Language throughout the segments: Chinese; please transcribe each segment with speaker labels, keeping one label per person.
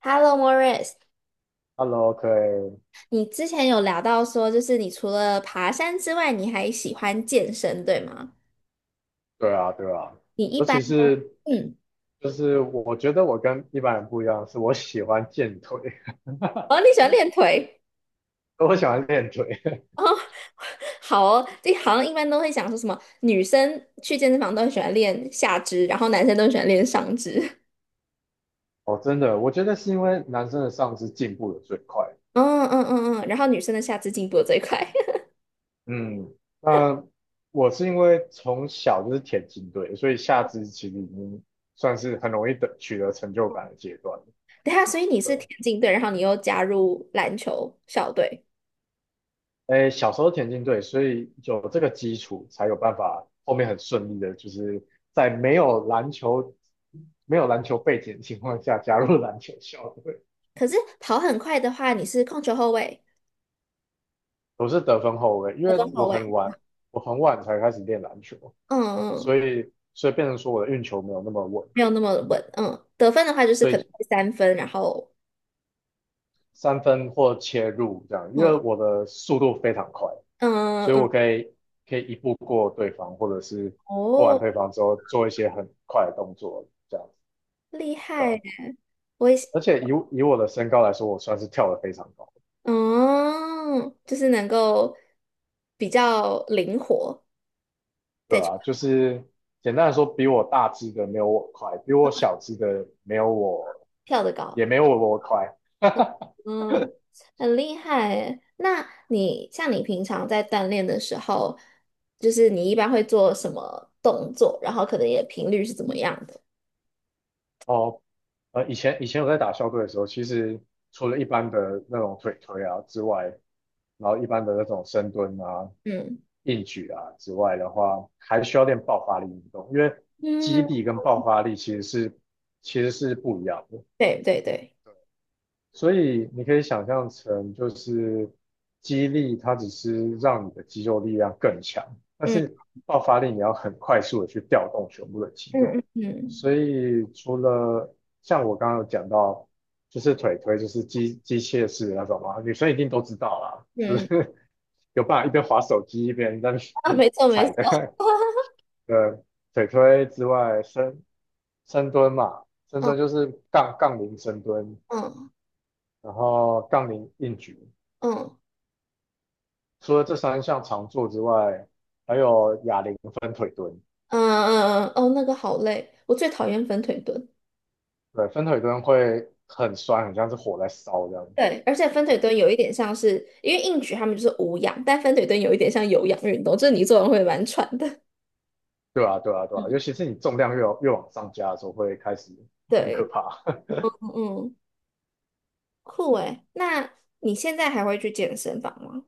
Speaker 1: Hello, Morris，
Speaker 2: Hello，可以，
Speaker 1: 你之前有聊到说，就是你除了爬山之外，你还喜欢健身，对吗？
Speaker 2: 对啊，对啊，
Speaker 1: 你一
Speaker 2: 尤
Speaker 1: 般
Speaker 2: 其
Speaker 1: 都，
Speaker 2: 是
Speaker 1: 嗯，
Speaker 2: 就是我觉得我跟一般人不一样，是我喜欢健腿，
Speaker 1: 哦，你喜欢练腿
Speaker 2: 我喜欢练腿。
Speaker 1: 哦，好哦，这好像一般都会讲说什么，女生去健身房都很喜欢练下肢，然后男生都很喜欢练上肢，
Speaker 2: 哦，真的，我觉得是因为男生的上肢进步的最快。
Speaker 1: 嗯嗯嗯嗯，然后女生的下肢进步的最快。
Speaker 2: 嗯，那我是因为从小就是田径队，所以下肢其实已经算是很容易得取得成就感的阶段。
Speaker 1: 等一下，所以你
Speaker 2: 对
Speaker 1: 是田
Speaker 2: 啊。
Speaker 1: 径队，然后你又加入篮球校队，
Speaker 2: 诶，小时候田径队，所以有这个基础，才有办法后面很顺利的，就是在没有篮球背景的情况下加
Speaker 1: 嗯，
Speaker 2: 入篮球校队。
Speaker 1: 可是跑很快的话，你是控球后卫、
Speaker 2: 我是得分后卫，因
Speaker 1: 得
Speaker 2: 为
Speaker 1: 中后卫，
Speaker 2: 我很晚才开始练篮球，
Speaker 1: 嗯嗯。
Speaker 2: 所
Speaker 1: 嗯
Speaker 2: 以所以变成说我的运球没有那么稳，
Speaker 1: 没有那么稳。嗯，得分的话就是
Speaker 2: 所
Speaker 1: 可能
Speaker 2: 以
Speaker 1: 会三分，然后
Speaker 2: 三分或切入这样，因为
Speaker 1: 嗯
Speaker 2: 我的速度非常快，
Speaker 1: 嗯
Speaker 2: 所以我
Speaker 1: 嗯，
Speaker 2: 可以一步过对方，或者是过完
Speaker 1: 哦，
Speaker 2: 对方之后做一些很快的动作这样。
Speaker 1: 厉害！我也
Speaker 2: 而且以我的身高来说，我算是跳得非常高，
Speaker 1: 嗯，就是能够比较灵活，
Speaker 2: 对
Speaker 1: 对，
Speaker 2: 啊，就是简单来说，比我大只的没有我快，比我小只的没有我
Speaker 1: 跳得高，
Speaker 2: 也没有我快。
Speaker 1: 嗯，很厉害耶那你像你平常在锻炼的时候，就是你一般会做什么动作，然后可能也频率是怎么样的？
Speaker 2: 哦，以前我在打校队的时候，其实除了一般的那种腿推啊之外，然后一般的那种深蹲啊、
Speaker 1: 嗯
Speaker 2: 硬举啊之外的话，还需要练爆发力运动，因为肌
Speaker 1: 嗯，
Speaker 2: 力跟爆发力其实是不一样的。
Speaker 1: 对对对，
Speaker 2: 所以你可以想象成，就是肌力它只是让你的肌肉力量更强，但
Speaker 1: 嗯
Speaker 2: 是爆发力你要很快速的去调动全部的肌
Speaker 1: 嗯
Speaker 2: 肉。
Speaker 1: 嗯
Speaker 2: 所
Speaker 1: 嗯
Speaker 2: 以除了像我刚刚有讲到，就是腿推就是机械式的那种嘛，女生一定都知道啦，就
Speaker 1: 嗯嗯，
Speaker 2: 是 有办法一边滑手机一边在那
Speaker 1: 啊，
Speaker 2: 边
Speaker 1: 没 错没
Speaker 2: 踩
Speaker 1: 错。
Speaker 2: 的。呃，腿推之外，深蹲嘛，深
Speaker 1: 嗯。
Speaker 2: 蹲就是杠铃深蹲，
Speaker 1: 嗯
Speaker 2: 然后杠铃硬举。
Speaker 1: 嗯
Speaker 2: 除了这三项常做之外，还有哑铃分腿蹲。
Speaker 1: 嗯嗯嗯，嗯哦，那个好累，我最讨厌分腿蹲。
Speaker 2: 对，分腿蹲会很酸，很像是火在烧这样。
Speaker 1: 对，而且分腿蹲有一点像是，因为硬举他们就是无氧，但分腿蹲有一点像有氧运动，就是你做完会蛮喘的。
Speaker 2: 对啊，对啊，对啊，尤其是你重量越往上加的时候，会开始很可
Speaker 1: 对，
Speaker 2: 怕。
Speaker 1: 嗯，嗯酷诶。那你现在还会去健身房吗？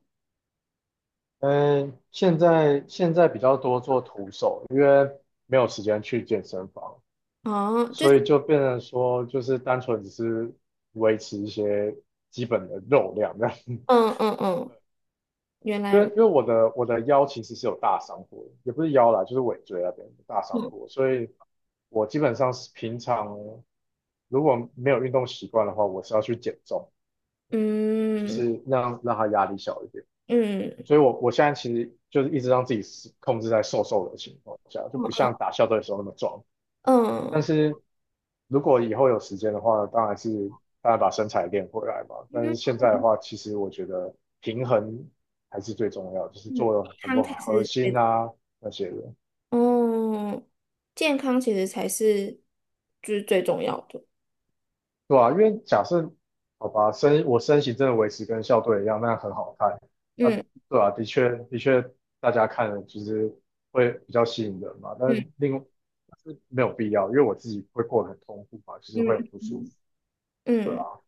Speaker 2: 嗯，现在比较多做徒手，因为没有时间去健身房，
Speaker 1: 哦，就
Speaker 2: 所
Speaker 1: 是，
Speaker 2: 以就变成说，就是单纯只是维持一些基本的肉量这样。
Speaker 1: 嗯嗯嗯，原来
Speaker 2: 因为
Speaker 1: 如，
Speaker 2: 因为我的腰其实是有大伤过的，也不是腰啦，就是尾椎那边有大伤
Speaker 1: 嗯
Speaker 2: 过，所以我基本上是平常如果没有运动习惯的话，我是要去减重，就
Speaker 1: 嗯
Speaker 2: 是让它压力小一点。
Speaker 1: 嗯
Speaker 2: 所以我现在其实就是一直让自己是控制在瘦瘦的情况下，就不像打校队的时候那么壮。但
Speaker 1: 嗯
Speaker 2: 是如果以后有时间的话，当然是大家把身材练回来嘛。但
Speaker 1: 嗯，
Speaker 2: 是现在的话，其实我觉得平衡还是最重要，就是
Speaker 1: 嗯
Speaker 2: 做了很
Speaker 1: 康
Speaker 2: 多
Speaker 1: 才
Speaker 2: 核
Speaker 1: 是最，
Speaker 2: 心啊那些的，
Speaker 1: 嗯，健康其实才是就是最重要的。
Speaker 2: 对啊，因为假设好吧，我身形真的维持跟校队一样，那很好看。啊，
Speaker 1: 嗯。
Speaker 2: 对啊，的确的确，大家看了就是会比较吸引人嘛。但是
Speaker 1: 嗯
Speaker 2: 另外但是没有必要，因为我自己会过得很痛苦嘛，其实
Speaker 1: 嗯
Speaker 2: 会很不舒服，
Speaker 1: 嗯，
Speaker 2: 对
Speaker 1: 嗯，
Speaker 2: 啊。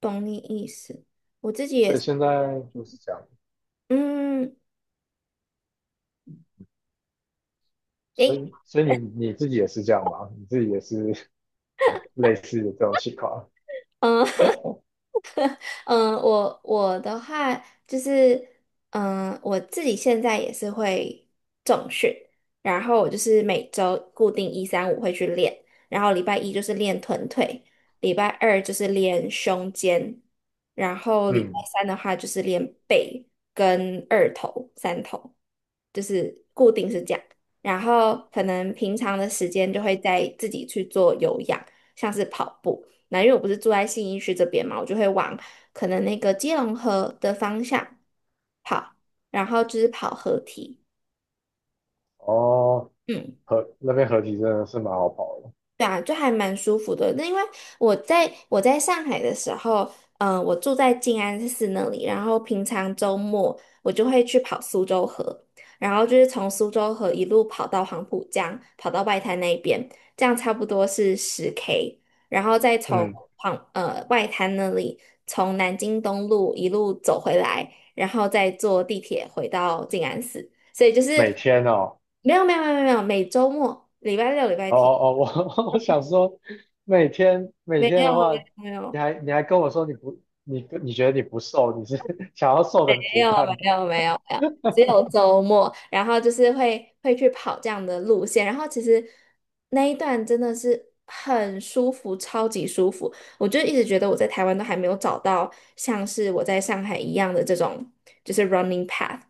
Speaker 1: 懂你意思。我自己也
Speaker 2: 所以
Speaker 1: 是
Speaker 2: 现在就是这样。
Speaker 1: 嗯，
Speaker 2: 所
Speaker 1: 诶，
Speaker 2: 以，所以你自己也是这样吗？你自己也是 类似的这种情况？
Speaker 1: 嗯 嗯、我的话就是，嗯、我自己现在也是会重训，然后我就是每周固定一三五会去练，然后礼拜一就是练臀腿，礼拜二就是练胸肩，然后礼拜
Speaker 2: 嗯，
Speaker 1: 三的话就是练背跟二头、三头。就是。是这样，然后可能平常的时间就会在自己去做有氧，像是跑步。那因为我不是住在信义区这边嘛，我就会往可能那个基隆河的方向跑，然后就是跑河堤。
Speaker 2: 哦，
Speaker 1: 嗯。
Speaker 2: 河那边合体真的是蛮好跑的。
Speaker 1: 对啊，就还蛮舒服的。那因为我在上海的时候，嗯、我住在静安寺那里，然后平常周末我就会去跑苏州河，然后就是从苏州河一路跑到黄浦江，跑到外滩那边，这样差不多是10K，然后再从
Speaker 2: 嗯，
Speaker 1: 外滩那里从南京东路一路走回来，然后再坐地铁回到静安寺，所以就
Speaker 2: 每
Speaker 1: 是
Speaker 2: 天哦，
Speaker 1: 没有没有没有没有，每周末礼拜六礼拜
Speaker 2: 哦
Speaker 1: 天。
Speaker 2: 哦哦，我 我想说，每天每
Speaker 1: 没
Speaker 2: 天
Speaker 1: 有
Speaker 2: 的话，
Speaker 1: 没
Speaker 2: 你
Speaker 1: 有
Speaker 2: 还你还跟我说你觉得你不瘦，你是 想要瘦成
Speaker 1: 没
Speaker 2: 竹
Speaker 1: 有啊
Speaker 2: 竿
Speaker 1: 没有
Speaker 2: 的？
Speaker 1: 啊没有啊没有啊，只有周末，然后就是会会去跑这样的路线，然后其实那一段真的是很舒服，超级舒服。我就一直觉得我在台湾都还没有找到像是我在上海一样的这种就是 running path，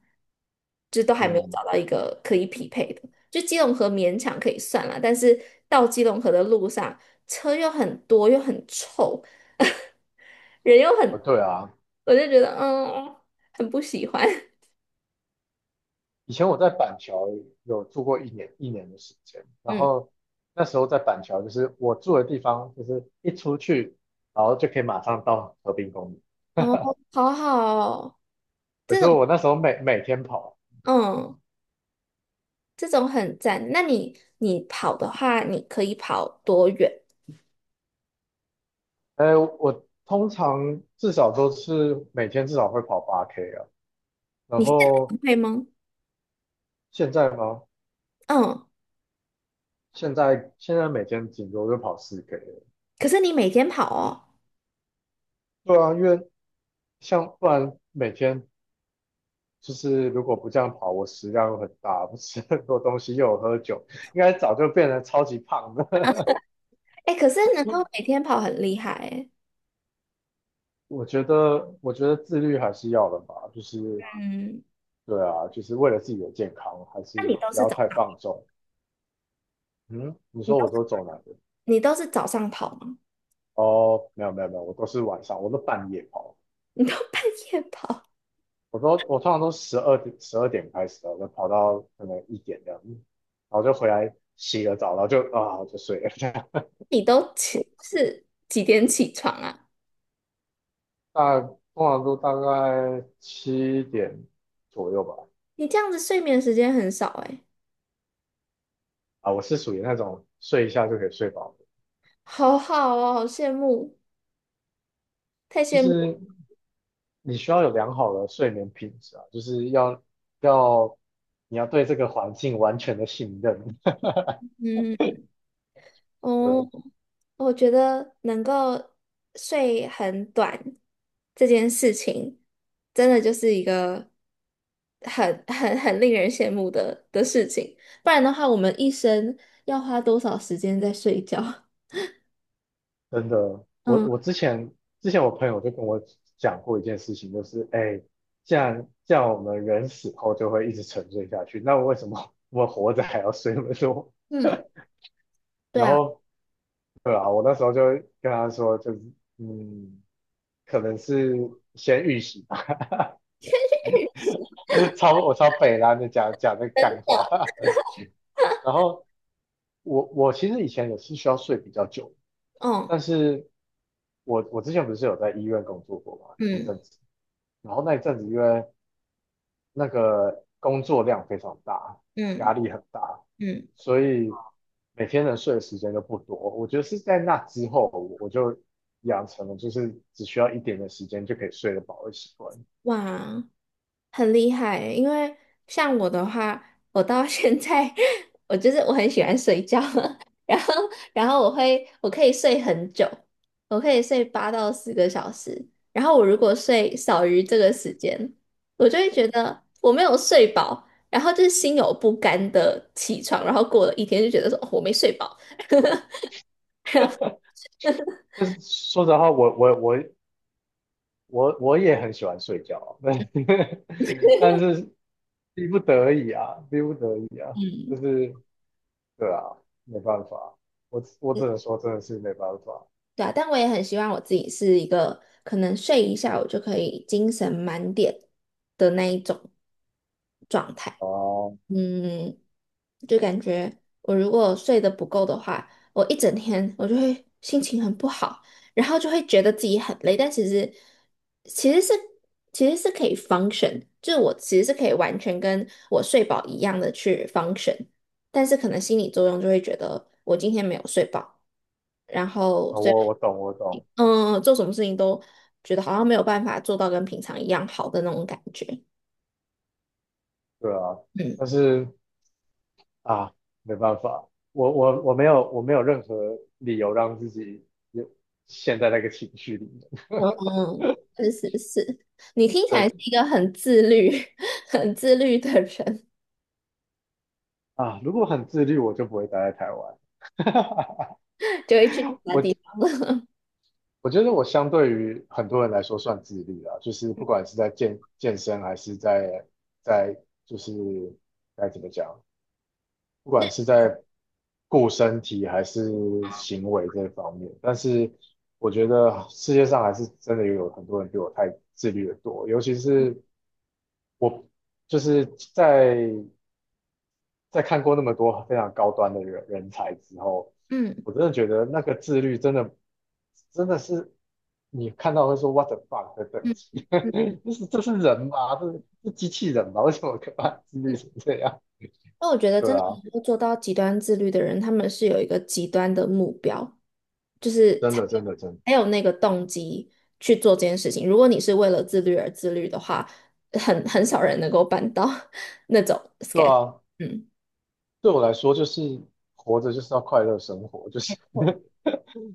Speaker 1: 就是都还没有
Speaker 2: 嗯，
Speaker 1: 找到一个可以匹配的。就基隆河勉强可以算了，但是到基隆河的路上车又很多又很臭。人又
Speaker 2: 哦
Speaker 1: 很，
Speaker 2: 对啊，
Speaker 1: 我就觉得嗯，很不喜欢。
Speaker 2: 以前我在板桥有住过一年的时间，然
Speaker 1: 嗯，
Speaker 2: 后那时候在板桥就是我住的地方，就是一出去，然后就可以马上到河滨公园。
Speaker 1: 哦，好好哦，
Speaker 2: 可
Speaker 1: 这
Speaker 2: 是
Speaker 1: 种
Speaker 2: 我那时候每天跑，
Speaker 1: 嗯，这种很赞。那你你跑的话，你可以跑多远？
Speaker 2: 我通常至少都是每天至少会跑8K 啊。然
Speaker 1: 你现在
Speaker 2: 后
Speaker 1: 会吗？
Speaker 2: 现在吗？
Speaker 1: 嗯，
Speaker 2: 现在每天顶多就跑4K 了。
Speaker 1: 可是你每天跑哦，
Speaker 2: 对啊，因为像不然每天就是如果不这样跑，我食量又很大，不吃很多东西，又有喝酒，应该早就变成超级胖的。
Speaker 1: 哎，可是能够每天跑很厉害哎。
Speaker 2: 我觉得，我觉得自律还是要的吧，就是
Speaker 1: 嗯，
Speaker 2: 对啊，就是为了自己的健康，还是
Speaker 1: 那你都
Speaker 2: 不
Speaker 1: 是
Speaker 2: 要
Speaker 1: 早，
Speaker 2: 太放纵。嗯，你
Speaker 1: 你
Speaker 2: 说
Speaker 1: 都
Speaker 2: 我都走哪个？
Speaker 1: 你都是早上跑吗？
Speaker 2: 哦，没有没有没有，我都是晚上，我都半夜跑，
Speaker 1: 你都半夜跑？
Speaker 2: 我通常都十二点开始的，我跑到可能一点这样，然后就回来洗个澡，然后就睡了。
Speaker 1: 你都起是几点起床啊？
Speaker 2: 大通常都大概7点左右吧。
Speaker 1: 你这样子睡眠时间很少哎。
Speaker 2: 啊，我是属于那种睡一下就可以睡饱的，
Speaker 1: 好好哦，好羡慕，太
Speaker 2: 就
Speaker 1: 羡慕了。
Speaker 2: 是你需要有良好的睡眠品质啊，就是要你要对这个环境完全的信任。
Speaker 1: 嗯，哦，
Speaker 2: 对，
Speaker 1: 我觉得能够睡很短这件事情，真的就是一个很令人羡慕的事情。不然的话，我们一生要花多少时间在睡觉？
Speaker 2: 真的，我
Speaker 1: 嗯
Speaker 2: 我之前我朋友就跟我讲过一件事情，就是哎，既然我们人死后就会一直沉睡下去，那为什么 我们活着还要睡那么多？
Speaker 1: 嗯，对
Speaker 2: 然
Speaker 1: 啊，
Speaker 2: 后对啊，我那时候就跟他说，就是嗯，可能是先预习吧，我超北烂的讲讲这个干话，然后我其实以前也是需要睡比较久，
Speaker 1: 嗯
Speaker 2: 但是我之前不是有在医院工作过嘛一
Speaker 1: 嗯
Speaker 2: 阵子，然后那一阵子因为那个工作量非常大，压
Speaker 1: 嗯
Speaker 2: 力很大，
Speaker 1: 嗯，
Speaker 2: 所以每天能睡的时间都不多。我觉得是在那之后，我就养成了就是只需要一点的时间就可以睡得饱的习惯。
Speaker 1: 哇。很厉害欸因为像我的话，我到现在 我就是我很喜欢睡觉，然后然后我可以睡很久，我可以睡8到10个小时，然后我如果睡少于这个时间，我就会觉得我没有睡饱，然后就是心有不甘的起床，然后过了一天就觉得说，哦我没睡饱。
Speaker 2: 但是说实话，我也很喜欢睡觉啊，但是逼不得已啊，逼不得已啊，就
Speaker 1: 嗯。
Speaker 2: 是对啊，没办法，我只能说真的是没办法
Speaker 1: 对啊，但我也很希望我自己是一个可能睡一下我就可以精神满点的那一种状态。
Speaker 2: 啊，我
Speaker 1: 嗯，就感觉我如果睡得不够的话，我一整天我就会心情很不好，然后就会觉得自己很累，但其实其实是其实是可以 function，就是我其实是可以完全跟我睡饱一样的去 function，但是可能心理作用就会觉得我今天没有睡饱，然后所以
Speaker 2: 我懂我懂，
Speaker 1: 嗯，做什么事情都觉得好像没有办法做到跟平常一样好的那种感觉，
Speaker 2: 对啊，
Speaker 1: 嗯。
Speaker 2: 但是啊，没办法，我没有任何理由让自己有陷在那个情绪里面。
Speaker 1: 嗯 嗯，是是是，你听起来是
Speaker 2: 对
Speaker 1: 一个很自律、很自律的人，
Speaker 2: 啊，如果很自律，我就不会待在台湾。
Speaker 1: 就会去其他
Speaker 2: 我
Speaker 1: 地方。
Speaker 2: 我觉得我相对于很多人来说算自律啦，就是不管是在健身还是在就是该怎么讲，不管是在顾身体还是行为这方面，但是我觉得世界上还是真的有很多人比我太自律的多，尤其是我就是在在看过那么多非常高端的人才之后，
Speaker 1: 嗯
Speaker 2: 我真的觉得那个自律真的是你看到会说 what the fuck 的等
Speaker 1: 嗯
Speaker 2: 级，
Speaker 1: 嗯
Speaker 2: 这是人吗？这是机器人吗？为什么可把它自律
Speaker 1: 嗯，
Speaker 2: 成这样？
Speaker 1: 那我觉得
Speaker 2: 对
Speaker 1: 真的
Speaker 2: 啊，
Speaker 1: 能够做到极端自律的人，他们是有一个极端的目标，就是
Speaker 2: 真
Speaker 1: 才有
Speaker 2: 的真的真的，
Speaker 1: 那个动机去做这件事情。如果你是为了自律而自律的话，很少人能够办到 那种
Speaker 2: 对
Speaker 1: schedule。
Speaker 2: 啊。
Speaker 1: 嗯，
Speaker 2: 对我来说，就是活着就是要快乐生活，就
Speaker 1: 没
Speaker 2: 是
Speaker 1: 错，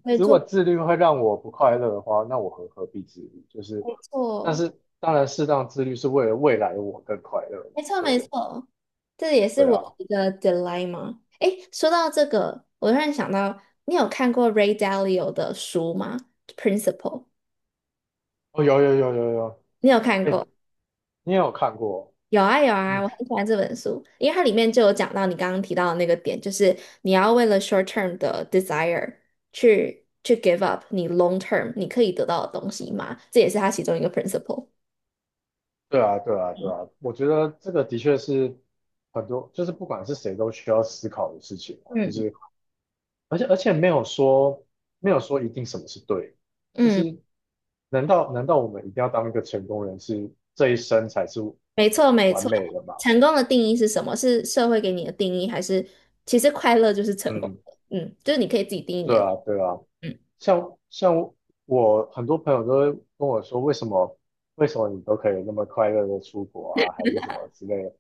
Speaker 1: 没
Speaker 2: 如果
Speaker 1: 错，
Speaker 2: 自律会让我不快乐的话，那我何必自律？就是，
Speaker 1: 没
Speaker 2: 但
Speaker 1: 错，
Speaker 2: 是当然，适当自律是为了未来的我更快乐嘛。
Speaker 1: 没错。
Speaker 2: 所以，
Speaker 1: 没错这也是
Speaker 2: 对
Speaker 1: 我
Speaker 2: 啊，
Speaker 1: 的一个 dilemma。诶，说到这个，我突然想到，你有看过 Ray Dalio 的书吗？Principle，
Speaker 2: 哦，有有有有有，
Speaker 1: 你有看
Speaker 2: 哎，
Speaker 1: 过？
Speaker 2: 你也有看过？
Speaker 1: 有啊有啊，
Speaker 2: 嗯，
Speaker 1: 我很喜欢这本书，因为它里面就有讲到你刚刚提到的那个点，就是你要为了 short term 的 desire 去 give up 你 long term 你可以得到的东西嘛，这也是它其中一个 principle。
Speaker 2: 对啊对啊对啊，我觉得这个的确是很多，就是不管是谁都需要思考的事情啊就
Speaker 1: 嗯，
Speaker 2: 是。而且没有说一定什么是对，就
Speaker 1: 嗯。
Speaker 2: 是难道我们一定要当一个成功人士，这一生才是
Speaker 1: 没错，没
Speaker 2: 完
Speaker 1: 错。
Speaker 2: 美的吗？
Speaker 1: 成功的定义是什么？是社会给你的定义，还是其实快乐就是成功
Speaker 2: 嗯，
Speaker 1: 的？嗯，就是你可以自己定义你
Speaker 2: 对
Speaker 1: 的。
Speaker 2: 啊对啊，
Speaker 1: 嗯
Speaker 2: 像我很多朋友都会跟我说，为什么你都可以那么快乐的出国啊，还是什么之类的，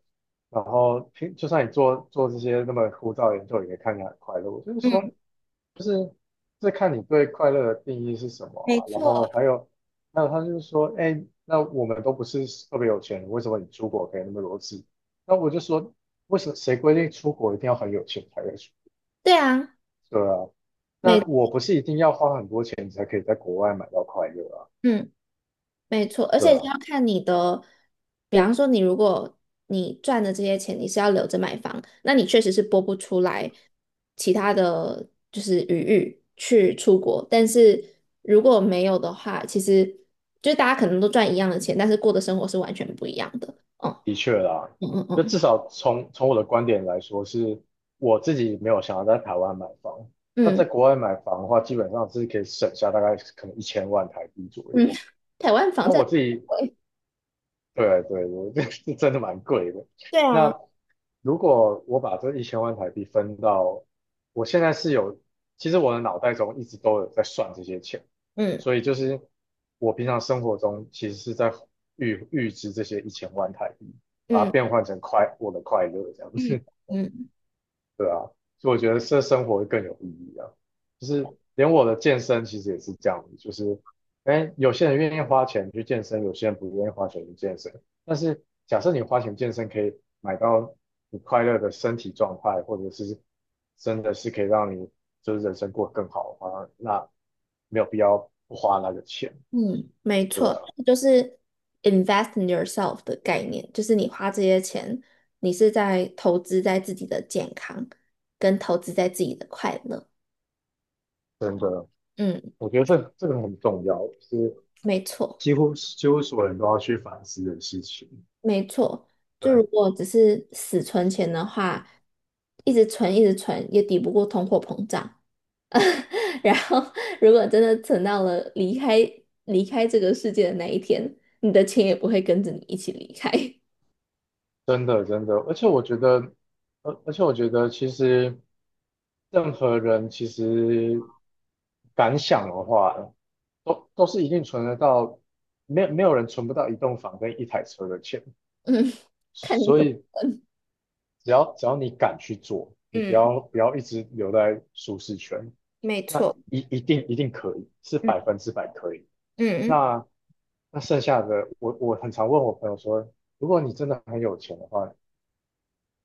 Speaker 2: 然后平就算你做这些那么枯燥的研究，也看起来很快乐。我就是说，
Speaker 1: 嗯，
Speaker 2: 就是这看你对快乐的定义是什么
Speaker 1: 没
Speaker 2: 啊。然
Speaker 1: 错，
Speaker 2: 后还有，还有他就是说，哎，那我们都不是特别有钱人，为什么你出国可以那么多次？那我就说，为什么谁规定出国一定要很有钱才可以出？
Speaker 1: 对啊，
Speaker 2: 对啊，那
Speaker 1: 没，
Speaker 2: 我不是一定要花很多钱才可以在国外买到快乐啊？
Speaker 1: 嗯，没错。而
Speaker 2: 对
Speaker 1: 且
Speaker 2: 啊，
Speaker 1: 要看你的，比方说你如果你赚的这些钱你是要留着买房，那你确实是拨不出来其他的就是余裕去出国。但是如果没有的话，其实就是大家可能都赚一样的钱，但是过的生活是完全不一样的。嗯。
Speaker 2: 的确啦。
Speaker 1: 嗯
Speaker 2: 那
Speaker 1: 嗯
Speaker 2: 至少从我的观点来说，是我自己没有想要在台湾买房。那
Speaker 1: 嗯，
Speaker 2: 在
Speaker 1: 嗯
Speaker 2: 国外买房的话，基本上是可以省下大概可能一千万台币左
Speaker 1: 嗯，
Speaker 2: 右。
Speaker 1: 台湾房
Speaker 2: 那
Speaker 1: 价
Speaker 2: 我自己，
Speaker 1: 贵，
Speaker 2: 对对，我这是真的蛮贵的。
Speaker 1: 对啊，
Speaker 2: 那如果我把这一千万台币分到，我现在是有，其实我的脑袋中一直都有在算这些钱，
Speaker 1: 嗯
Speaker 2: 所以就是我平常生活中其实是在预支这些一千万台币，把它
Speaker 1: 嗯
Speaker 2: 变换成我的快乐这样
Speaker 1: 嗯
Speaker 2: 子。
Speaker 1: 嗯
Speaker 2: 对啊，所以我觉得这生活会更有意义啊。就是连我的健身其实也是这样子，就是，哎，有些人愿意花钱去健身，有些人不愿意花钱去健身。但是假设你花钱健身，可以买到你快乐的身体状态，或者是真的是可以让你就是人生过得更好的话，那没有必要不花那个钱。
Speaker 1: 嗯，没
Speaker 2: 对
Speaker 1: 错，
Speaker 2: 啊，
Speaker 1: 就是 invest in yourself 的概念，就是你花这些钱，你是在投资在自己的健康，跟投资在自己的快乐。
Speaker 2: 真的，
Speaker 1: 嗯，
Speaker 2: 我觉得这个很重要，是
Speaker 1: 没错，
Speaker 2: 几乎所有人都要去反思的事情。
Speaker 1: 没错。就
Speaker 2: 对。
Speaker 1: 如果只是死存钱的话，一直存一直存也抵不过通货膨胀，然后，如果真的存到了离开这个世界的那一天，你的钱也不会跟着你一起离开。
Speaker 2: 真的真的，而且我觉得，而且我觉得，其实任何人其实敢想的话，都是一定存得到，没有没有人存不到一栋房跟一台车的钱，
Speaker 1: 嗯，看你
Speaker 2: 所
Speaker 1: 怎么，
Speaker 2: 以只要你敢去做，你不
Speaker 1: 嗯，
Speaker 2: 要不要一直留在舒适圈，
Speaker 1: 没
Speaker 2: 那
Speaker 1: 错，
Speaker 2: 一定一定可以，是
Speaker 1: 嗯
Speaker 2: 100%可以。
Speaker 1: 嗯，
Speaker 2: 那那剩下的，我很常问我朋友说，如果你真的很有钱的话。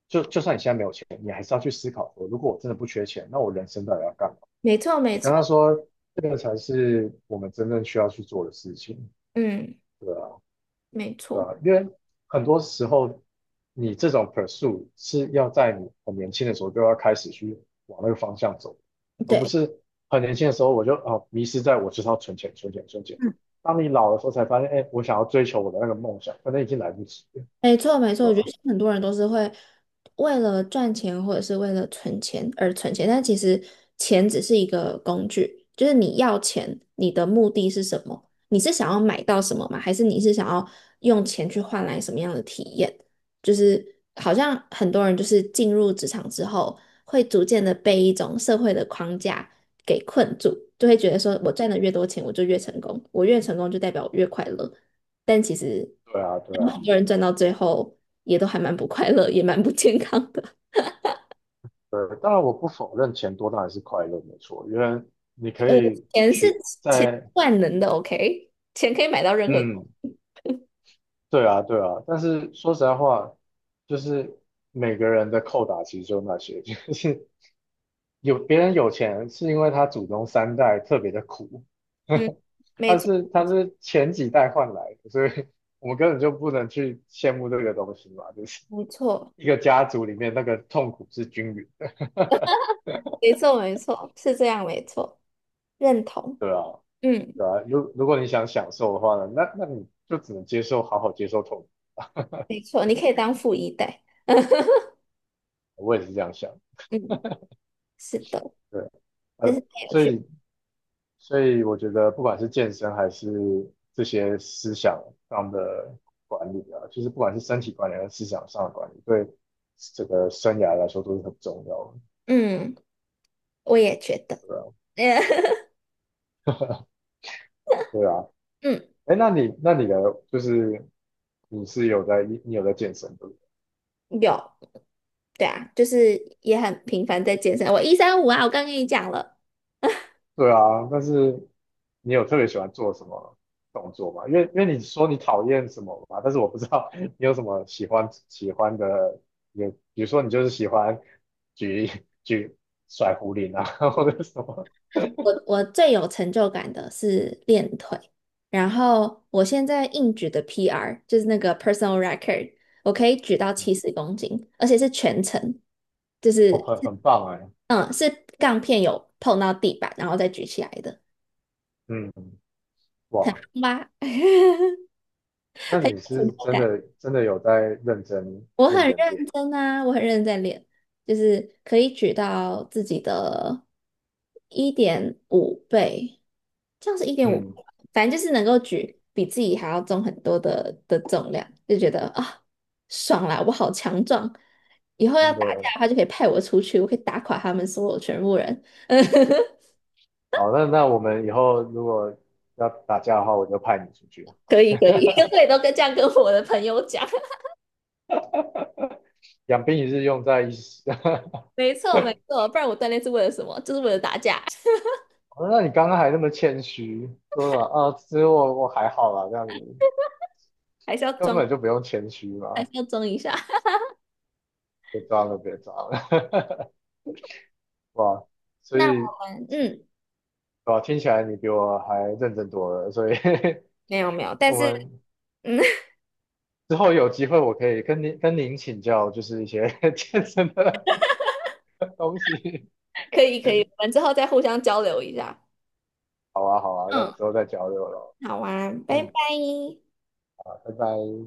Speaker 2: 就就算你现在没有钱，你还是要去思考说，如果我真的不缺钱，那我人生到底要干嘛？
Speaker 1: 没错没
Speaker 2: 我跟他
Speaker 1: 错，
Speaker 2: 说，这个才是我们真正需要去做的事情，
Speaker 1: 嗯，
Speaker 2: 对啊，
Speaker 1: 没
Speaker 2: 对啊，
Speaker 1: 错，
Speaker 2: 因为很多时候你这种 pursue 是要在你很年轻的时候就要开始去往那个方向走，而不
Speaker 1: 对。
Speaker 2: 是很年轻的时候我就迷失在我就是要存钱、存钱、存钱。当你老的时候才发现，哎，我想要追求我的那个梦想，反正已经来不及了，
Speaker 1: 没错，没错，
Speaker 2: 对
Speaker 1: 我觉
Speaker 2: 吧？
Speaker 1: 得现在很多人都是会为了赚钱或者是为了存钱而存钱，但其实钱只是一个工具，就是你要钱，你的目的是什么？你是想要买到什么吗？还是你是想要用钱去换来什么样的体验？就是好像很多人就是进入职场之后，会逐渐的被一种社会的框架给困住，就会觉得说我赚的越多钱，我就越成功，我越成功就代表我越快乐。但其实
Speaker 2: 对啊，对
Speaker 1: 他们很
Speaker 2: 啊。
Speaker 1: 多人赚到最后也都还蛮不快乐，也蛮不健康的。
Speaker 2: 对，当然我不否认钱多当然是快乐，没错，因为你可
Speaker 1: 呃，
Speaker 2: 以
Speaker 1: 钱是
Speaker 2: 去
Speaker 1: 钱
Speaker 2: 在，
Speaker 1: 万能的，OK，钱可以买到任何东
Speaker 2: 嗯，
Speaker 1: 西。
Speaker 2: 对啊，对啊，但是说实在话，就是每个人的扣打其实就那些，就是有别人有钱是因为他祖宗3代特别的苦，
Speaker 1: 嗯，没
Speaker 2: 他
Speaker 1: 错，
Speaker 2: 是他是前几代换来的，所以我们根本就不能去羡慕这个东西嘛，就是
Speaker 1: 没错，
Speaker 2: 一个家族里面那个痛苦是均匀的，
Speaker 1: 没错，没错，是这样，没错，认同。
Speaker 2: 对啊。
Speaker 1: 嗯，
Speaker 2: 对啊，如果你想享受的话呢，那那你就只能接受，好好接受痛苦。
Speaker 1: 没错，你可以当富一代。
Speaker 2: 我也是这样想，
Speaker 1: 嗯，是的，
Speaker 2: 对，
Speaker 1: 这是太有
Speaker 2: 所
Speaker 1: 趣。
Speaker 2: 以所以我觉得不管是健身还是这些思想上的管理啊，就是不管是身体管理还是思想上的管理，对整个生涯来说都是很重要的，
Speaker 1: 嗯，我也觉得。
Speaker 2: 对啊，对啊。
Speaker 1: 嗯，
Speaker 2: 哎，那你那你的就是你是有在你你有在健身的，
Speaker 1: 有，对啊，就是也很频繁在健身。我一三五啊，我刚跟你讲了。
Speaker 2: 对啊，但是你有特别喜欢做什么动作吗？因为因为你说你讨厌什么吧，但是我不知道 你有什么喜欢喜欢的，有比如说你就是喜欢举举甩壶铃啊，或者什么，
Speaker 1: 我最有成就感的是练腿，然后我现在硬举的 PR 就是那个 personal record，我可以举到70公斤，而且是全程，就
Speaker 2: 哦，
Speaker 1: 是
Speaker 2: 很很棒哎，
Speaker 1: 嗯是杠片有碰到地板，然后再举起来的
Speaker 2: 嗯，哇，
Speaker 1: 妈，很
Speaker 2: 那
Speaker 1: 有
Speaker 2: 你
Speaker 1: 成
Speaker 2: 是
Speaker 1: 就
Speaker 2: 真
Speaker 1: 感。
Speaker 2: 的真的有在认真
Speaker 1: 我很
Speaker 2: 认
Speaker 1: 认
Speaker 2: 真练，
Speaker 1: 真啊，我很认真在练，就是可以举到自己的1.5倍，这样是一点五，
Speaker 2: 嗯，
Speaker 1: 反正就是能够举比自己还要重很多的重量，就觉得啊、爽啦，我好强壮！以后要
Speaker 2: 真
Speaker 1: 打
Speaker 2: 的
Speaker 1: 架的话，就可以派我出去，我可以打垮他们所有全部人。
Speaker 2: 好，那那我们以后如果要打架的话，我就派你出去，
Speaker 1: 可 以可以，我也都跟这样跟我的朋友讲。
Speaker 2: 养兵一日用在一时。
Speaker 1: 没错 没错，不然我锻炼是为了什么？就是为了打架，
Speaker 2: 哦那你刚刚还那么谦虚，说了啊，其实我我还好啦，这样子
Speaker 1: 还是要
Speaker 2: 根
Speaker 1: 装，
Speaker 2: 本就不用谦虚
Speaker 1: 还
Speaker 2: 嘛，
Speaker 1: 是要装一下。
Speaker 2: 别装了，别装了，哇，所
Speaker 1: 那
Speaker 2: 以
Speaker 1: 我们嗯，
Speaker 2: 哇，听起来你比我还认真多了，所以
Speaker 1: 没有没有，但
Speaker 2: 我
Speaker 1: 是
Speaker 2: 们
Speaker 1: 嗯，
Speaker 2: 之后有机会我可以跟您跟您请教，就是一些 健身的东西。
Speaker 1: 可以可以，我们之后再互相交流一下。
Speaker 2: 好啊，好啊，那
Speaker 1: 嗯，
Speaker 2: 之后再交流咯。
Speaker 1: 好啊，拜
Speaker 2: 嗯，
Speaker 1: 拜。
Speaker 2: 好，拜拜。